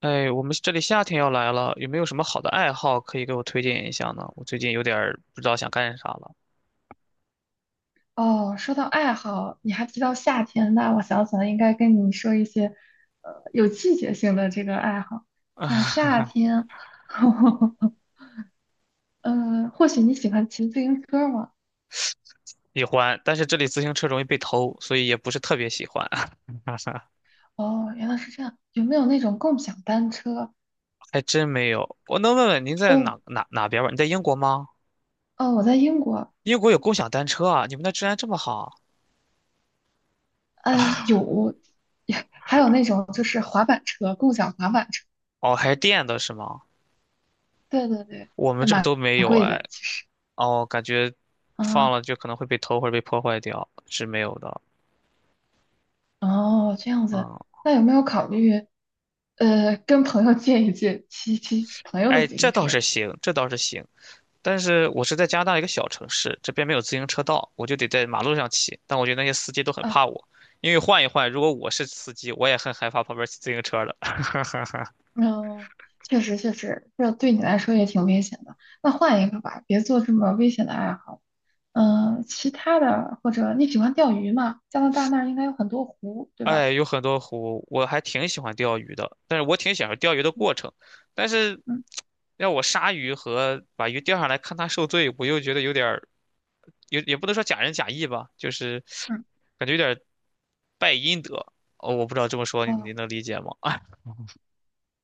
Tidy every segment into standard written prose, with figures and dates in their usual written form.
哎，我们这里夏天要来了，有没有什么好的爱好可以给我推荐一下呢？我最近有点儿不知道想干啥了。哦，说到爱好，你还提到夏天，那我想起来应该跟你说一些，有季节性的这个爱好，像 夏天，嗯或许你喜欢骑自行车吗？喜欢，但是这里自行车容易被偷，所以也不是特别喜欢。哦，原来是这样，有没有那种共享单车？还真没有。我能问问您在哦，哪边儿吗？你在英国吗？哦，我在英国，英国有共享单车啊？你们那治安这么好？呃，有，还有那种就是滑板车，共享滑板车，哦，还是电的是吗？对对对，我们对这儿嘛，都没有哎。哦，感觉啊。嗯放了就可能会被偷或者被破坏掉，是没有的。哦，这样子，嗯，那有没有考虑，跟朋友借一借，骑骑朋友的哎，自行这倒车是行，这倒是行。但是我是在加拿大一个小城市，这边没有自行车道，我就得在马路上骑。但我觉得那些司机都很啊？怕我，因为换一换，如果我是司机，我也很害怕旁边骑自行车的。嗯，确实确实，这对你来说也挺危险的。那换一个吧，别做这么危险的爱好。嗯，其他的或者你喜欢钓鱼吗？加拿大那儿应该有很多湖，对哎，吧？有很多湖，我还挺喜欢钓鱼的，但是我挺享受钓鱼的嗯过程。但是嗯让我杀鱼和把鱼钓上来看它受罪，我又觉得有点儿，也不能说假仁假义吧，就是嗯，感觉有点儿败阴德。哦，我不知道这么说你哦。能理解吗？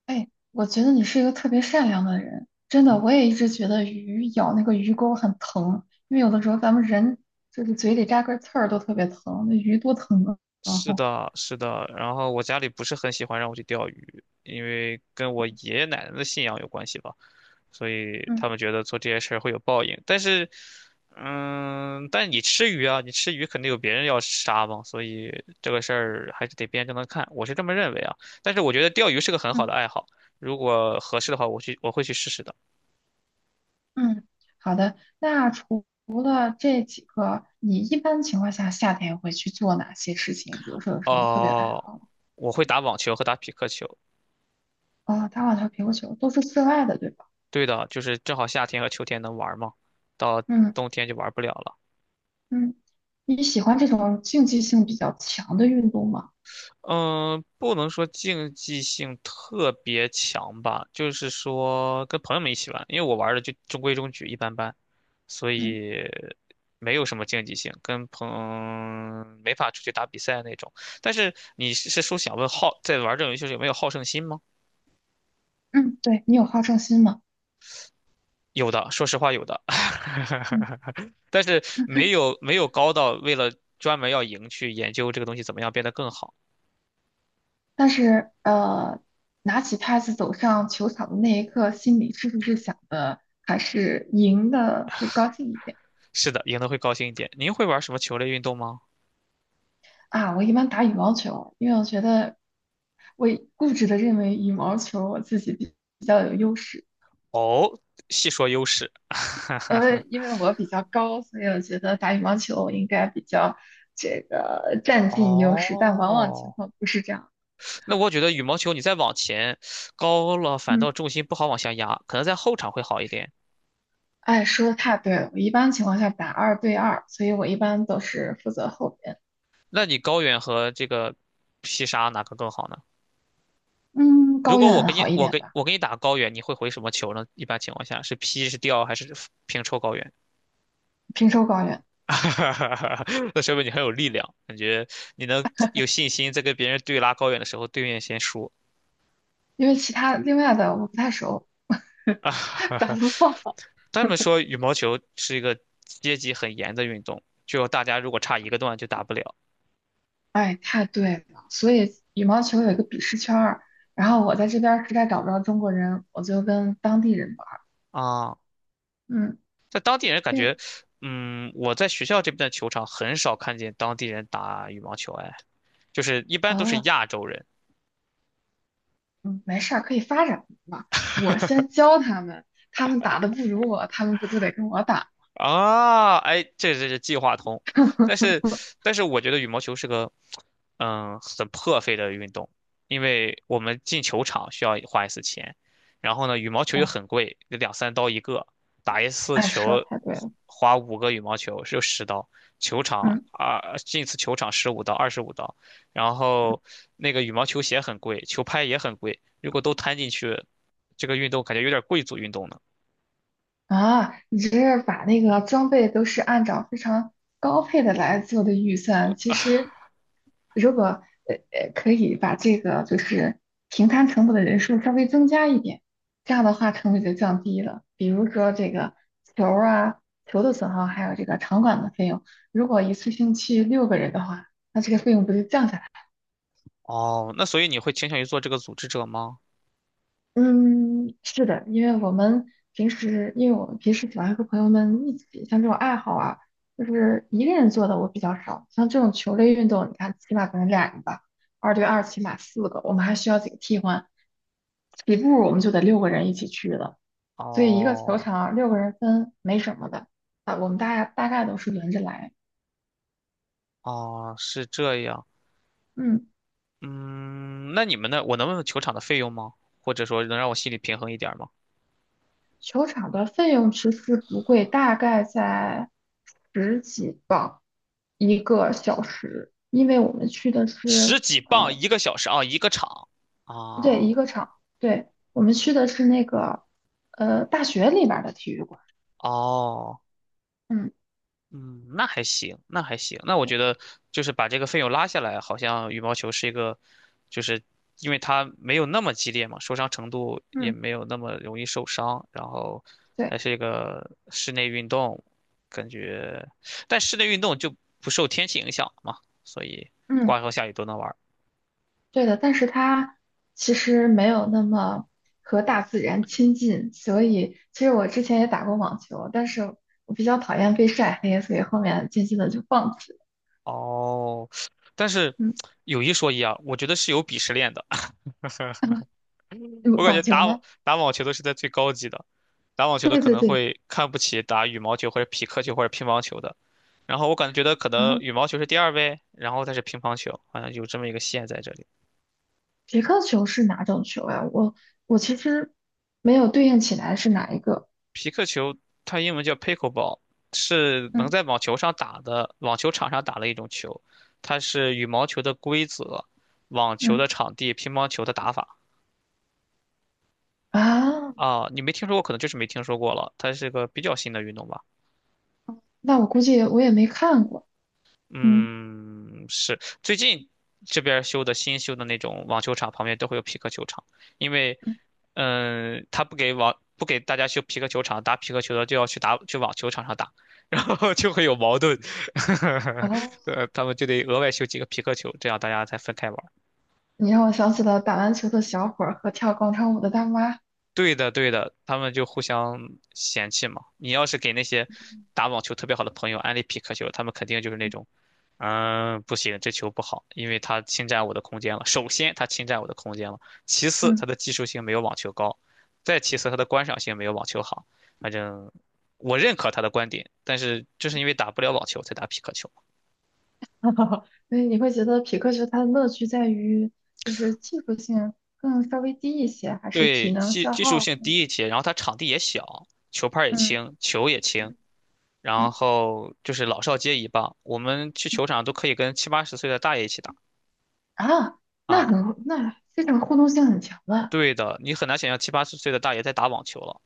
哎，我觉得你是一个特别善良的人，真的，我也一直觉得鱼咬那个鱼钩很疼，因为有的时候咱们人就是嘴里扎根刺儿都特别疼，那鱼多疼啊！然是后，的，是的。然后我家里不是很喜欢让我去钓鱼，因为跟我爷爷奶奶的信仰有关系吧，所以他嗯们觉得做这些事儿会有报应。但是，嗯，但你吃鱼啊，你吃鱼肯定有别人要杀嘛，所以这个事儿还是得辩证的看，我是这么认为啊。但是我觉得钓鱼是个很好嗯的爱好，如果合适的话，我会去试试的。嗯，好的，那除了这几个，你一般情况下夏天会去做哪些事情？比如说有什么特别的爱哦，好吗？我会打网球和打匹克球。啊、打网球、乒乓球都是室外的，对吧？对的，就是正好夏天和秋天能玩嘛，到嗯冬天就玩不了了。嗯，你喜欢这种竞技性比较强的运动吗？嗯，不能说竞技性特别强吧，就是说跟朋友们一起玩，因为我玩的就中规中矩，一般般，所嗯以没有什么竞技性，没法出去打比赛那种。但是你是说想问好，在玩这种游戏时有没有好胜心吗？嗯，对，你有好胜心吗？有的，说实话有的，嗯。但是没有高到为了专门要赢去研究这个东西怎么样变得更好。但是拿起拍子走上球场的那一刻，心里是不是想的还是赢的会高兴一点是的，赢得会高兴一点。您会玩什么球类运动吗？啊？我一般打羽毛球，因为我觉得我固执的认为羽毛球我自己比较有优势。哦，细说优势。因为我比较高，所以我觉得打羽毛球我应该比较这个占尽优势，但往往情哦，况不是这样。那我觉得羽毛球你再往前高了，反嗯，倒重心不好往下压，可能在后场会好一点。哎，说的太对了，我一般情况下打二对二，所以我一般都是负责后边。那你高远和这个劈杀哪个更好呢？嗯，如高果我远给你，好一我点给吧，我给你打高远，你会回什么球呢？一般情况下是劈是吊还是平抽高远？平州高远，那说明你很有力量，感觉你能有信心在跟别人对拉高远的时候，对面先输。因为其他另外的我不太熟，打不过。他们说羽毛球是一个阶级很严的运动，就大家如果差一个段就打不了 哎，太对了，所以羽毛球有一个鄙视圈儿，然后我在这边儿实在找不着中国人，我就跟当地人玩儿。啊。嗯，在当地人感因为觉，嗯，我在学校这边的球场很少看见当地人打羽毛球，哎，就是一般都是啊，亚洲人。嗯，没事儿，可以发展嘛。我先教他们，他们打的不如我，他们不就得跟我打？啊，哎，这是计划通，但是 但是我觉得羽毛球是个很破费的运动，因为我们进球场需要花一次钱，然后呢羽毛球又哦，很贵，得两三刀一个，打一次哎，说球得太对花了。花5个羽毛球是10刀，球场嗯。啊进一次球场十五刀25刀，然后那个羽毛球鞋很贵，球拍也很贵，如果都摊进去，这个运动感觉有点贵族运动呢。啊，你这是把那个装备都是按照非常高配的来做的预算。其实，如果可以把这个就是平摊成本的人数稍微增加一点，这样的话成本就降低了。比如说这个球儿啊、球的损耗，还有这个场馆的费用，如果一次性去六个人的话，那这个费用不就降下来了哦，那所以你会倾向于做这个组织者吗？嗯，是的，因为我们平时，因为我们平时喜欢和朋友们一起，像这种爱好啊，就是一个人做的我比较少。像这种球类运动，你看起码可能俩人吧，二对二起码四个，我们还需要几个替换。起步我们就得六个人一起去了，所以一个球哦场啊六个人分没什么的啊，我们大概都是轮着来。哦，是这样。嗯。嗯，那你们那，我能问问球场的费用吗？或者说能让我心里平衡一点儿吗？球场的费用其实不贵，大概在十几磅一个小时，因为我们去的十是几磅一个小时啊，一个场不对，啊，一个场，对，我们去的是那个大学里边儿的体育馆，哦。嗯，嗯，那还行，那还行。那我对，觉得就是把这个费用拉下来，好像羽毛球是一个，就是因为它没有那么激烈嘛，受伤程度也嗯，没有那么容易受伤，然后还对，是一个室内运动，感觉，但室内运动就不受天气影响嘛，所以嗯，刮风下雨都能玩儿。对的，但是它其实没有那么和大自然亲近，所以其实我之前也打过网球，但是我比较讨厌被晒黑，所以后面渐渐的就放弃了，哦，但是嗯，嗯有一说一啊，我觉得是有鄙视链的。我感网觉球打网吗？打网球的是在最高级的，打网球的对可对能对，会看不起打羽毛球或者匹克球或者乒乓球的，然后我感觉得可能啊，羽毛球是第二位，然后再是乒乓球，好像有这么一个线在这里。皮克球是哪种球呀、我其实没有对应起来是哪一个匹克球它英文叫 pickleball，是能嗯在网球上打的，网球场上打的一种球，它是羽毛球的规则，网球的嗯场地，乒乓球的打法。啊？啊，你没听说过，可能就是没听说过了。它是个比较新的运动吧。那我估计我也没看过。嗯，嗯，是最近这边儿修的新修的那种网球场旁边都会有皮克球场，因为，嗯嗯，他不给大家修皮克球场，打皮克球的就要去打去网球场上打，然后就会有矛盾，哦，他们就得额外修几个皮克球，这样大家才分开玩。你让我想起了打篮球的小伙儿和跳广场舞的大妈。对的，对的，他们就互相嫌弃嘛。你要是给那些打网球特别好的朋友安利匹克球，他们肯定就是那种，嗯，不行，这球不好，因为它侵占我的空间了。首先，它侵占我的空间了；其次，嗯，它的技术性没有网球高；再其次，它的观赏性没有网球好。反正我认可他的观点，但是就是因为打不了网球才打匹克球。哈哈。所以你会觉得匹克球它的乐趣在于就是技术性更稍微低一些，还是体对，能技消技术耗？性低一些，然后它场地也小，球拍儿也嗯轻，球也轻。嗯然嗯后就是老少皆宜吧。我们去球场都可以跟七八十岁的大爷一起打啊，那啊。很那这种互动性很强的，对的，你很难想象七八十岁的大爷在打网球了。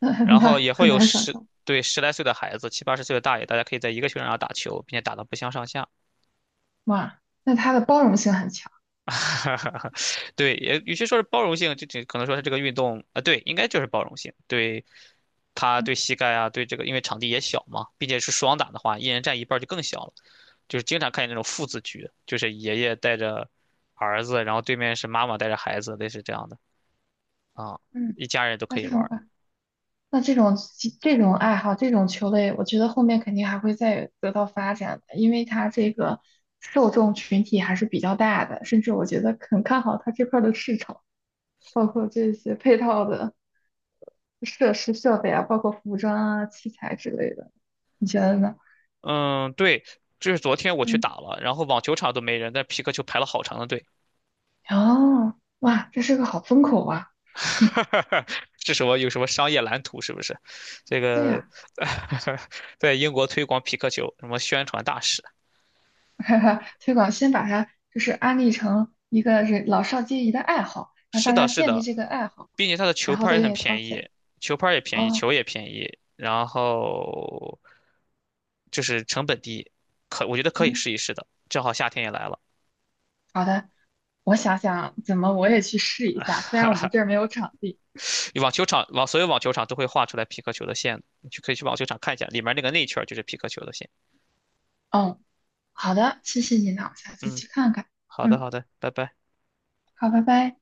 那然后也会很有难想十，象。对，十来岁的孩子，七八十岁的大爷，大家可以在一个球场上打球，并且打得不相上下。哇，那他的包容性很强。对，也与其说是包容性，就可能说是这个运动啊，对，应该就是包容性，对他嗯对膝盖啊，对这个，因为场地也小嘛，并且是双打的话，一人占一半儿就更小了。就是经常看见那种父子局，就是爷爷带着儿子，然后对面是妈妈带着孩子，类似这样的啊，嗯，一家人都那可以这玩种儿爱，那这种爱好，这种球类，我觉得后面肯定还会再得到发展的，因为它这个受众群体还是比较大的，甚至我觉得很看好它这块儿的市场，包括这些配套的设施设备啊，包括服装啊、器材之类的，你觉得呢？嗯，对，这是昨天我去打嗯，了，然后网球场都没人，但皮克球排了好长的队。哦，哇，这是个好风口啊！嗯，这什么有什么商业蓝图是不是？这对个 呀。在英国推广皮克球，什么宣传大使？哈哈，推广，先把它就是安利成一个人老少皆宜的爱好，让是大的，家是建立的，这个爱好，并且它的球然后拍儿再也很愿意掏便宜，钱。球拍儿也便宜，哦，球也便宜，然后就是成本低，可我觉得可以嗯，试一试的。正好夏天也来了，好的，我想想怎么我也去试一下，虽然我们这儿没有场地。网球场网所有网球场都会画出来皮克球的线的，你去可以去网球场看一下，里面那个内圈儿就是皮克球的线。哦，好的，谢谢你呢，我下次嗯，去看看。好的嗯，好的，拜拜。好，拜拜。